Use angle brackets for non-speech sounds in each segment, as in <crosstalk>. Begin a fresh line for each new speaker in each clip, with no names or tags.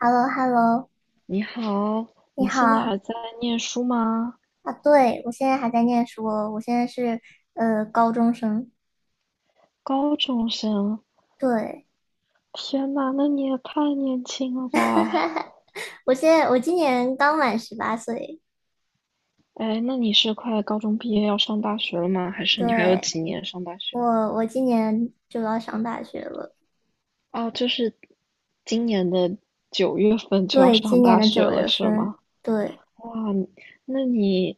h e l l o h e l l o
你好，
你
你现在
好
还在念书吗？
啊！对，我现在还在念书哦，我现在是高中生。
高中生，
对，
天呐，那你也太年轻了吧！
<laughs> 我现在我今年刚满十八岁。
哎，那你是快高中毕业要上大学了吗？还是你还有
对，
几年上大学？
我我今年就要上大学了。
哦，就是今年的九月份就要
对，
上
今年
大
的
学
九
了，
月
是
份。
吗？
对，
哇，那你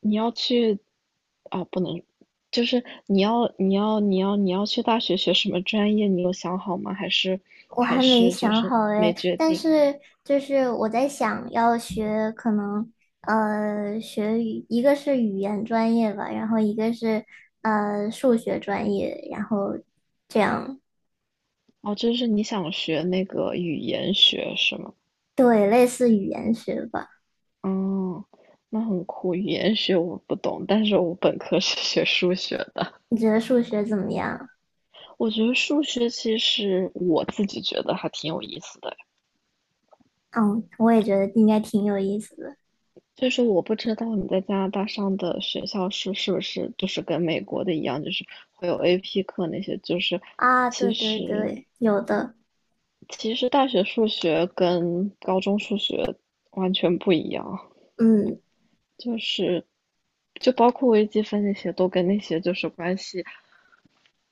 你要去啊，不能，就是你要去大学学什么专业？你有想好吗？还是
我
还
还没
是就
想
是
好哎，
没决
但
定？
是就是我在想要学，可能学语，一个是语言专业吧，然后一个是数学专业，然后这样。
哦，就是你想学那个语言学是吗？
对，类似语言学吧。
嗯，那很酷。语言学我不懂，但是我本科是学数学的。
你觉得数学怎么样？
我觉得数学其实我自己觉得还挺有意思的。
嗯，我也觉得应该挺有意思的
所以说，我不知道你在加拿大上的学校是不是就是跟美国的一样，就是会有 AP 课那些，就是
啊。
其
对对
实
对，有的。
其实大学数学跟高中数学完全不一样。
嗯
就是就包括微积分那些，都跟那些就是关系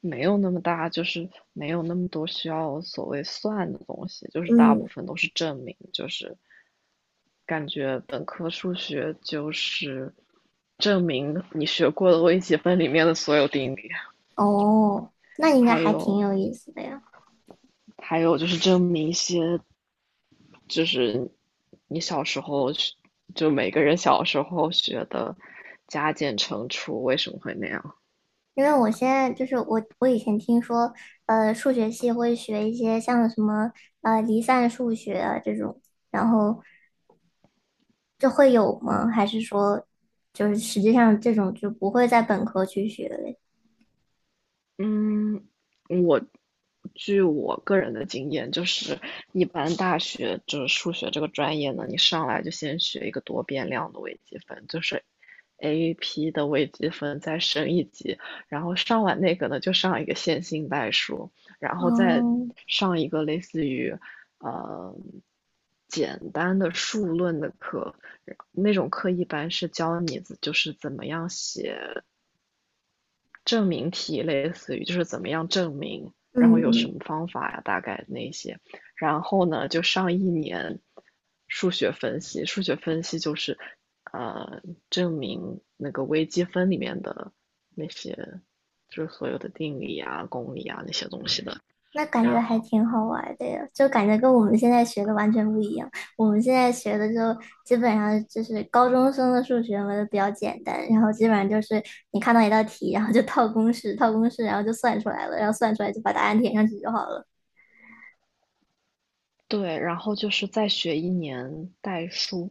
没有那么大，就是没有那么多需要所谓算的东西，就是大部
嗯，
分都是证明，就是感觉本科数学就是证明你学过的微积分里面的所有定理，
哦，那应该
还
还挺
有
有意思的呀。
还有就是证明一些就是你小时候就每个人小时候学的加减乘除为什么会那样。
因为我现在就是我，我以前听说，数学系会学一些像什么离散数学啊这种，然后这会有吗？还是说，就是实际上这种就不会在本科去学嘞？
嗯，我据我个人的经验，就是一般大学就是数学这个专业呢，你上来就先学一个多变量的微积分，就是 AP 的微积分再升一级，然后上完那个呢，就上一个线性代数，然后再
哦，
上一个类似于呃简单的数论的课，那种课一般是教你就是怎么样写。证明题，类似于就是怎么样证明，
嗯
然后有什
嗯，
么方法呀、啊大概那些。然后呢，就上一年数学分析，数学分析就是呃证明那个微积分里面的那些就是所有的定理啊、公理啊那些东西的。
那感觉
然
还
后
挺好玩的呀，就感觉跟我们现在学的完全不一样。我们现在学的就基本上就是高中生的数学嘛，就比较简单，然后基本上就是你看到一道题，然后就套公式，套公式，然后就算出来了，然后算出来就把答案填上去就好了。
对，然后就是再学一年代数，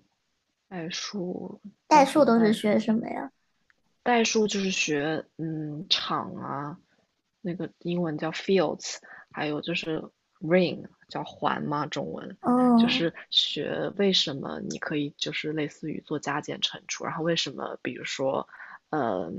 代数叫
代
什
数
么
都是
代？
学什么呀？
代数就是学场啊，那个英文叫 fields，ring 叫环嘛，中文就
嗯，
是学为什么你可以就是类似于做加减乘除，然后为什么比如说，呃，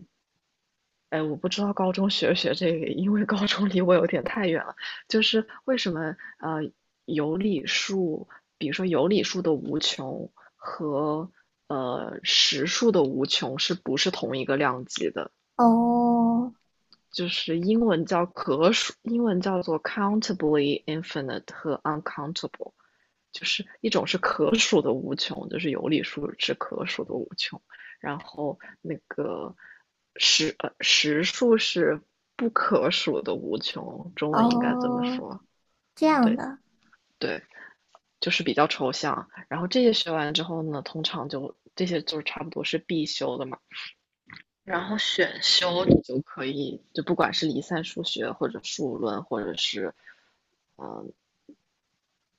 哎，我不知道高中学 <laughs> 不学这个，因为高中离我有点太远了。就是为什么有理数，比如说有理数的无穷和实数的无穷是不是同一个量级的？
哦
就是英文叫可数，英文叫做 countably infinite 和 uncountable。就是一种是可穷，就是有理数是可数的无穷，然后那个实呃数是不可数的无穷，中文应该这么
哦，
说，
这样
对
的，
对，就是比较抽象。然后这些学完之后呢，通常就这些就是差不多是必修的嘛。然后选修你就可以，就不管是离散数学或者数论，或者是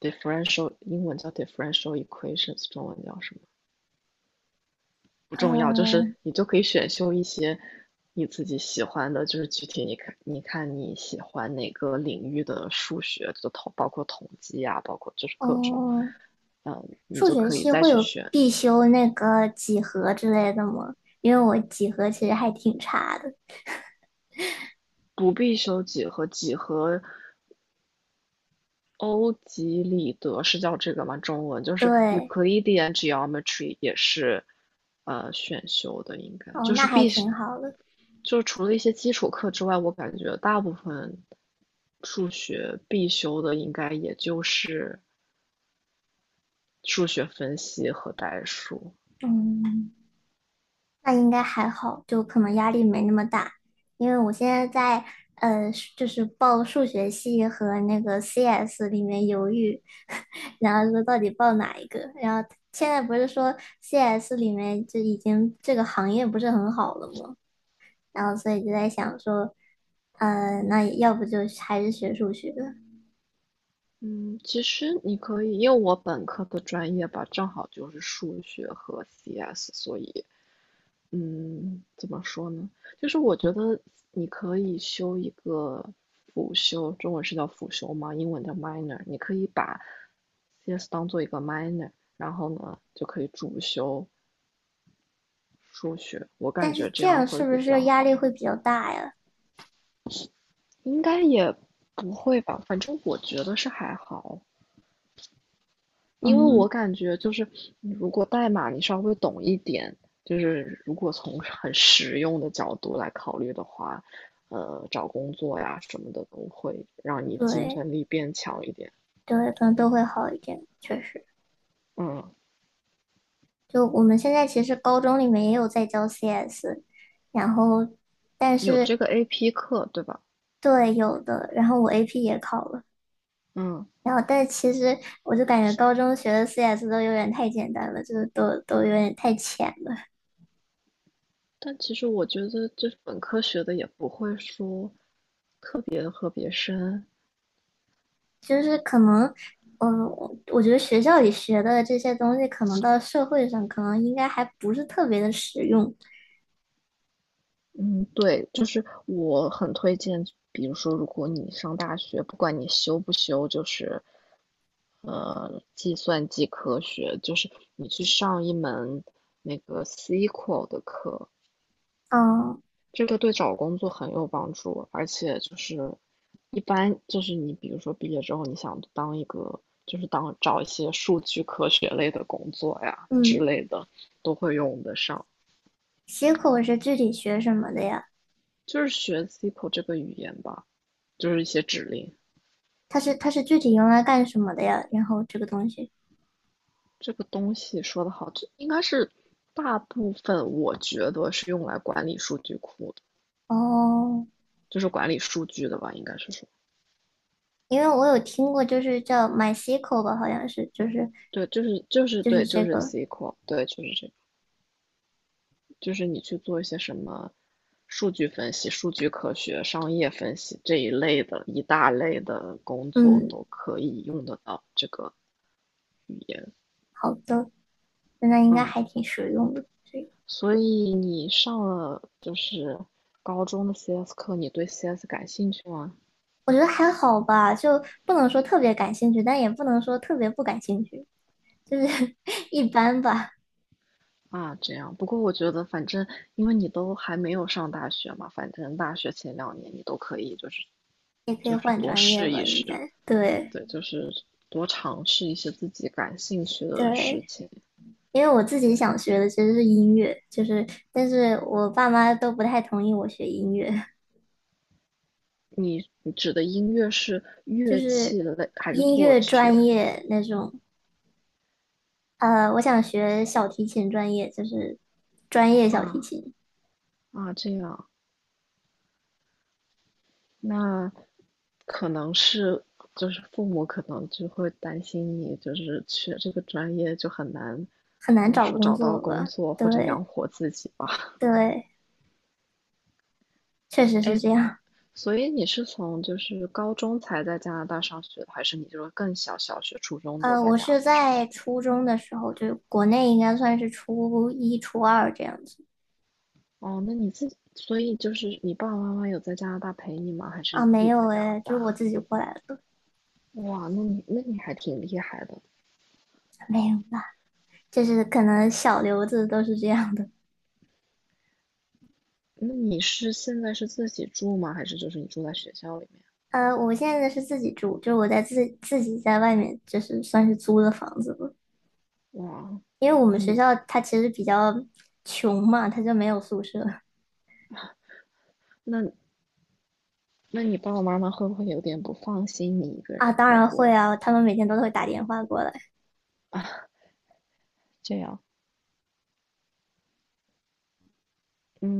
differential，英文叫 differential equations，中文叫什么？不重要，就是
呃
你就可以选修一些你自己喜欢的，就是具体你看，你看你喜欢哪个领域的数学，就包括统计啊，包括就是各种，
哦，
嗯，你
数
就
学
可以
系
再
会
去
有
选。
必修那个几何之类的吗？因为我几何其实还挺差的。
不必修几何，几何欧几里得是叫这个吗？中文就是
对，
Euclidean Geometry 也是选修的，应该
哦，
就
那
是
还
必须，
挺好的。
就除了一些基础课之外，我感觉大部分数学必修的应该也就是数学分析和代数。
嗯，那应该还好，就可能压力没那么大，因为我现在在呃，就是报数学系和那个 CS 里面犹豫，<laughs> 然后说到底报哪一个。然后现在不是说 CS 里面就已经这个行业不是很好了吗？然后所以就在想说，那要不就还是学数学，
嗯，其实你可以，因为我本科的专业吧，正好就是数学和 CS，所以嗯，怎么说呢？就是我觉得你可以修一个辅修，中文是叫辅修吗？英文叫 minor，你可以把 CS 当做一个 minor，然后呢就可以主修数学，我感
但是
觉这
这
样
样
会
是不
比较
是压
好。
力会比较大呀？
应该也不会吧，反正我觉得是还好，因为我
嗯，
感觉就是你如果代码你稍微懂一点，就是如果从很实用的角度来考虑的话，找工作呀什么的都会让你竞
对。
争力变强一点。
对，可能都会好一点，确实。
嗯，
就我们现在其实高中里面也有在教 CS,然后但
有这
是
个 AP 课，对吧？
对有的，然后我 AP 也考了，
嗯，
然后但其实我就感觉高中学的 CS 都有点太简单了，就是都有点太浅了，
但其实我觉得就是本科学的也不会说特别的特别深，
就是可能，嗯，我觉得学校里学的这些东西，可能到社会上可能应该还不是特别的实用。
嗯，对，就是我很推荐，比如说，如果你上大学，不管你修不修，就是计算机科学，就是你去上一门那个 SQL 的课，
嗯
这个对找工作很有帮助，而且就是一般就是你比如说毕业之后，你想当一个就是当找一些数据科学类的工作呀之
嗯
类的，都会用得上，
，C 口是具体学什么的呀？
就是学 SQL 这个语言吧，就是一些指令。
它是具体用来干什么的呀？然后这个东西
这个东西说的好，这应该是大部分我觉得是用来管理数据库的，
哦，
就是管理数据的吧，应该是说，
因为我有听过，就是叫 MySQL 吧，好像是，就是
对，就是
就是
对，就
这
是
个，
SQL，对，就是这个，就是你去做一些什么数据分析、数据科学、商业分析这一类的一大类的工作
嗯，
都可以用得到这个语言，
好的，那应该
嗯，
还挺实用的。这个
所以你上了就是高中的 CS 课，你对 CS 感兴趣吗？
我觉得还好吧，就不能说特别感兴趣，但也不能说特别不感兴趣，就是 <laughs> 一般吧，
啊，这样。不过我觉得，反正因为你都还没有上大学嘛，反正大学前两年你都可以，就是
也可以
就是
换
多
专业
试
吧，
一
应
试，
该对
对，就是多尝试一些自己感兴趣的事
对。
情。
因为我自己
对，
想学的其实是音乐，就是，但是我爸妈都不太同意我学音乐。
你指的音乐是
就
乐
是
器类还是
音
作
乐
曲？
专业那种。我想学小提琴专业，就是专业小提
啊
琴，
啊，这样。那可能是就是父母可能就会担心你，就是学这个专业就很难，
很
怎
难
么
找
说，
工
找到
作
工
吧？
作或者
对
养活自己吧。<laughs>
对，确实是
哎，
这样。
所以你是从就是高中才在加拿大上学的，还是你就是更小，小学、初中就在
我
加拿
是
大上
在
学了？
初中的时候，就是国内应该算是初一、初二这样子
哦，那你自己，所以就是你爸爸妈妈有在加拿大陪你吗？还是你
啊，
自
没
己
有
在加拿
诶，就是我
大？
自己过来的，
哇，那你还挺厉害的。
没有吧？就是可能小刘子都是这样的。
那你是现在是自己住吗？还是就是你住在学校里
我现在是自己住，就是我在自自己在外面，就是算是租的房子吧。
面？哇，
因为我们
那
学
你
校它其实比较穷嘛，它就没有宿舍
那那你爸爸妈妈会不会有点不放心你一个
啊。
人
当
在
然
国
会
外
啊，他们每天都会打电话过来，
这样？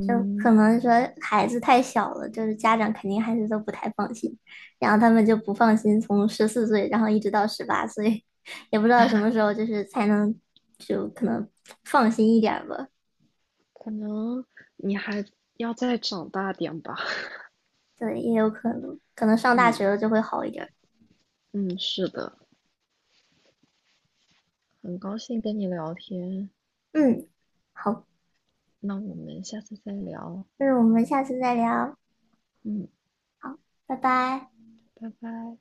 就可能说孩子太小了，就是家长肯定还是都不太放心，然后他们就不放心，从14岁然后一直到十八岁，<laughs> 也不知道什么时候就是才能就可能放心一点儿吧。
可能你还要再长大点吧。<laughs>
对，也有可能，可能上大
嗯。
学了就会好一点儿。
嗯，是的，很高兴跟你聊天，
嗯，好，
那我们下次再聊。
那我们下次再聊，
嗯，
好，拜拜。
拜拜。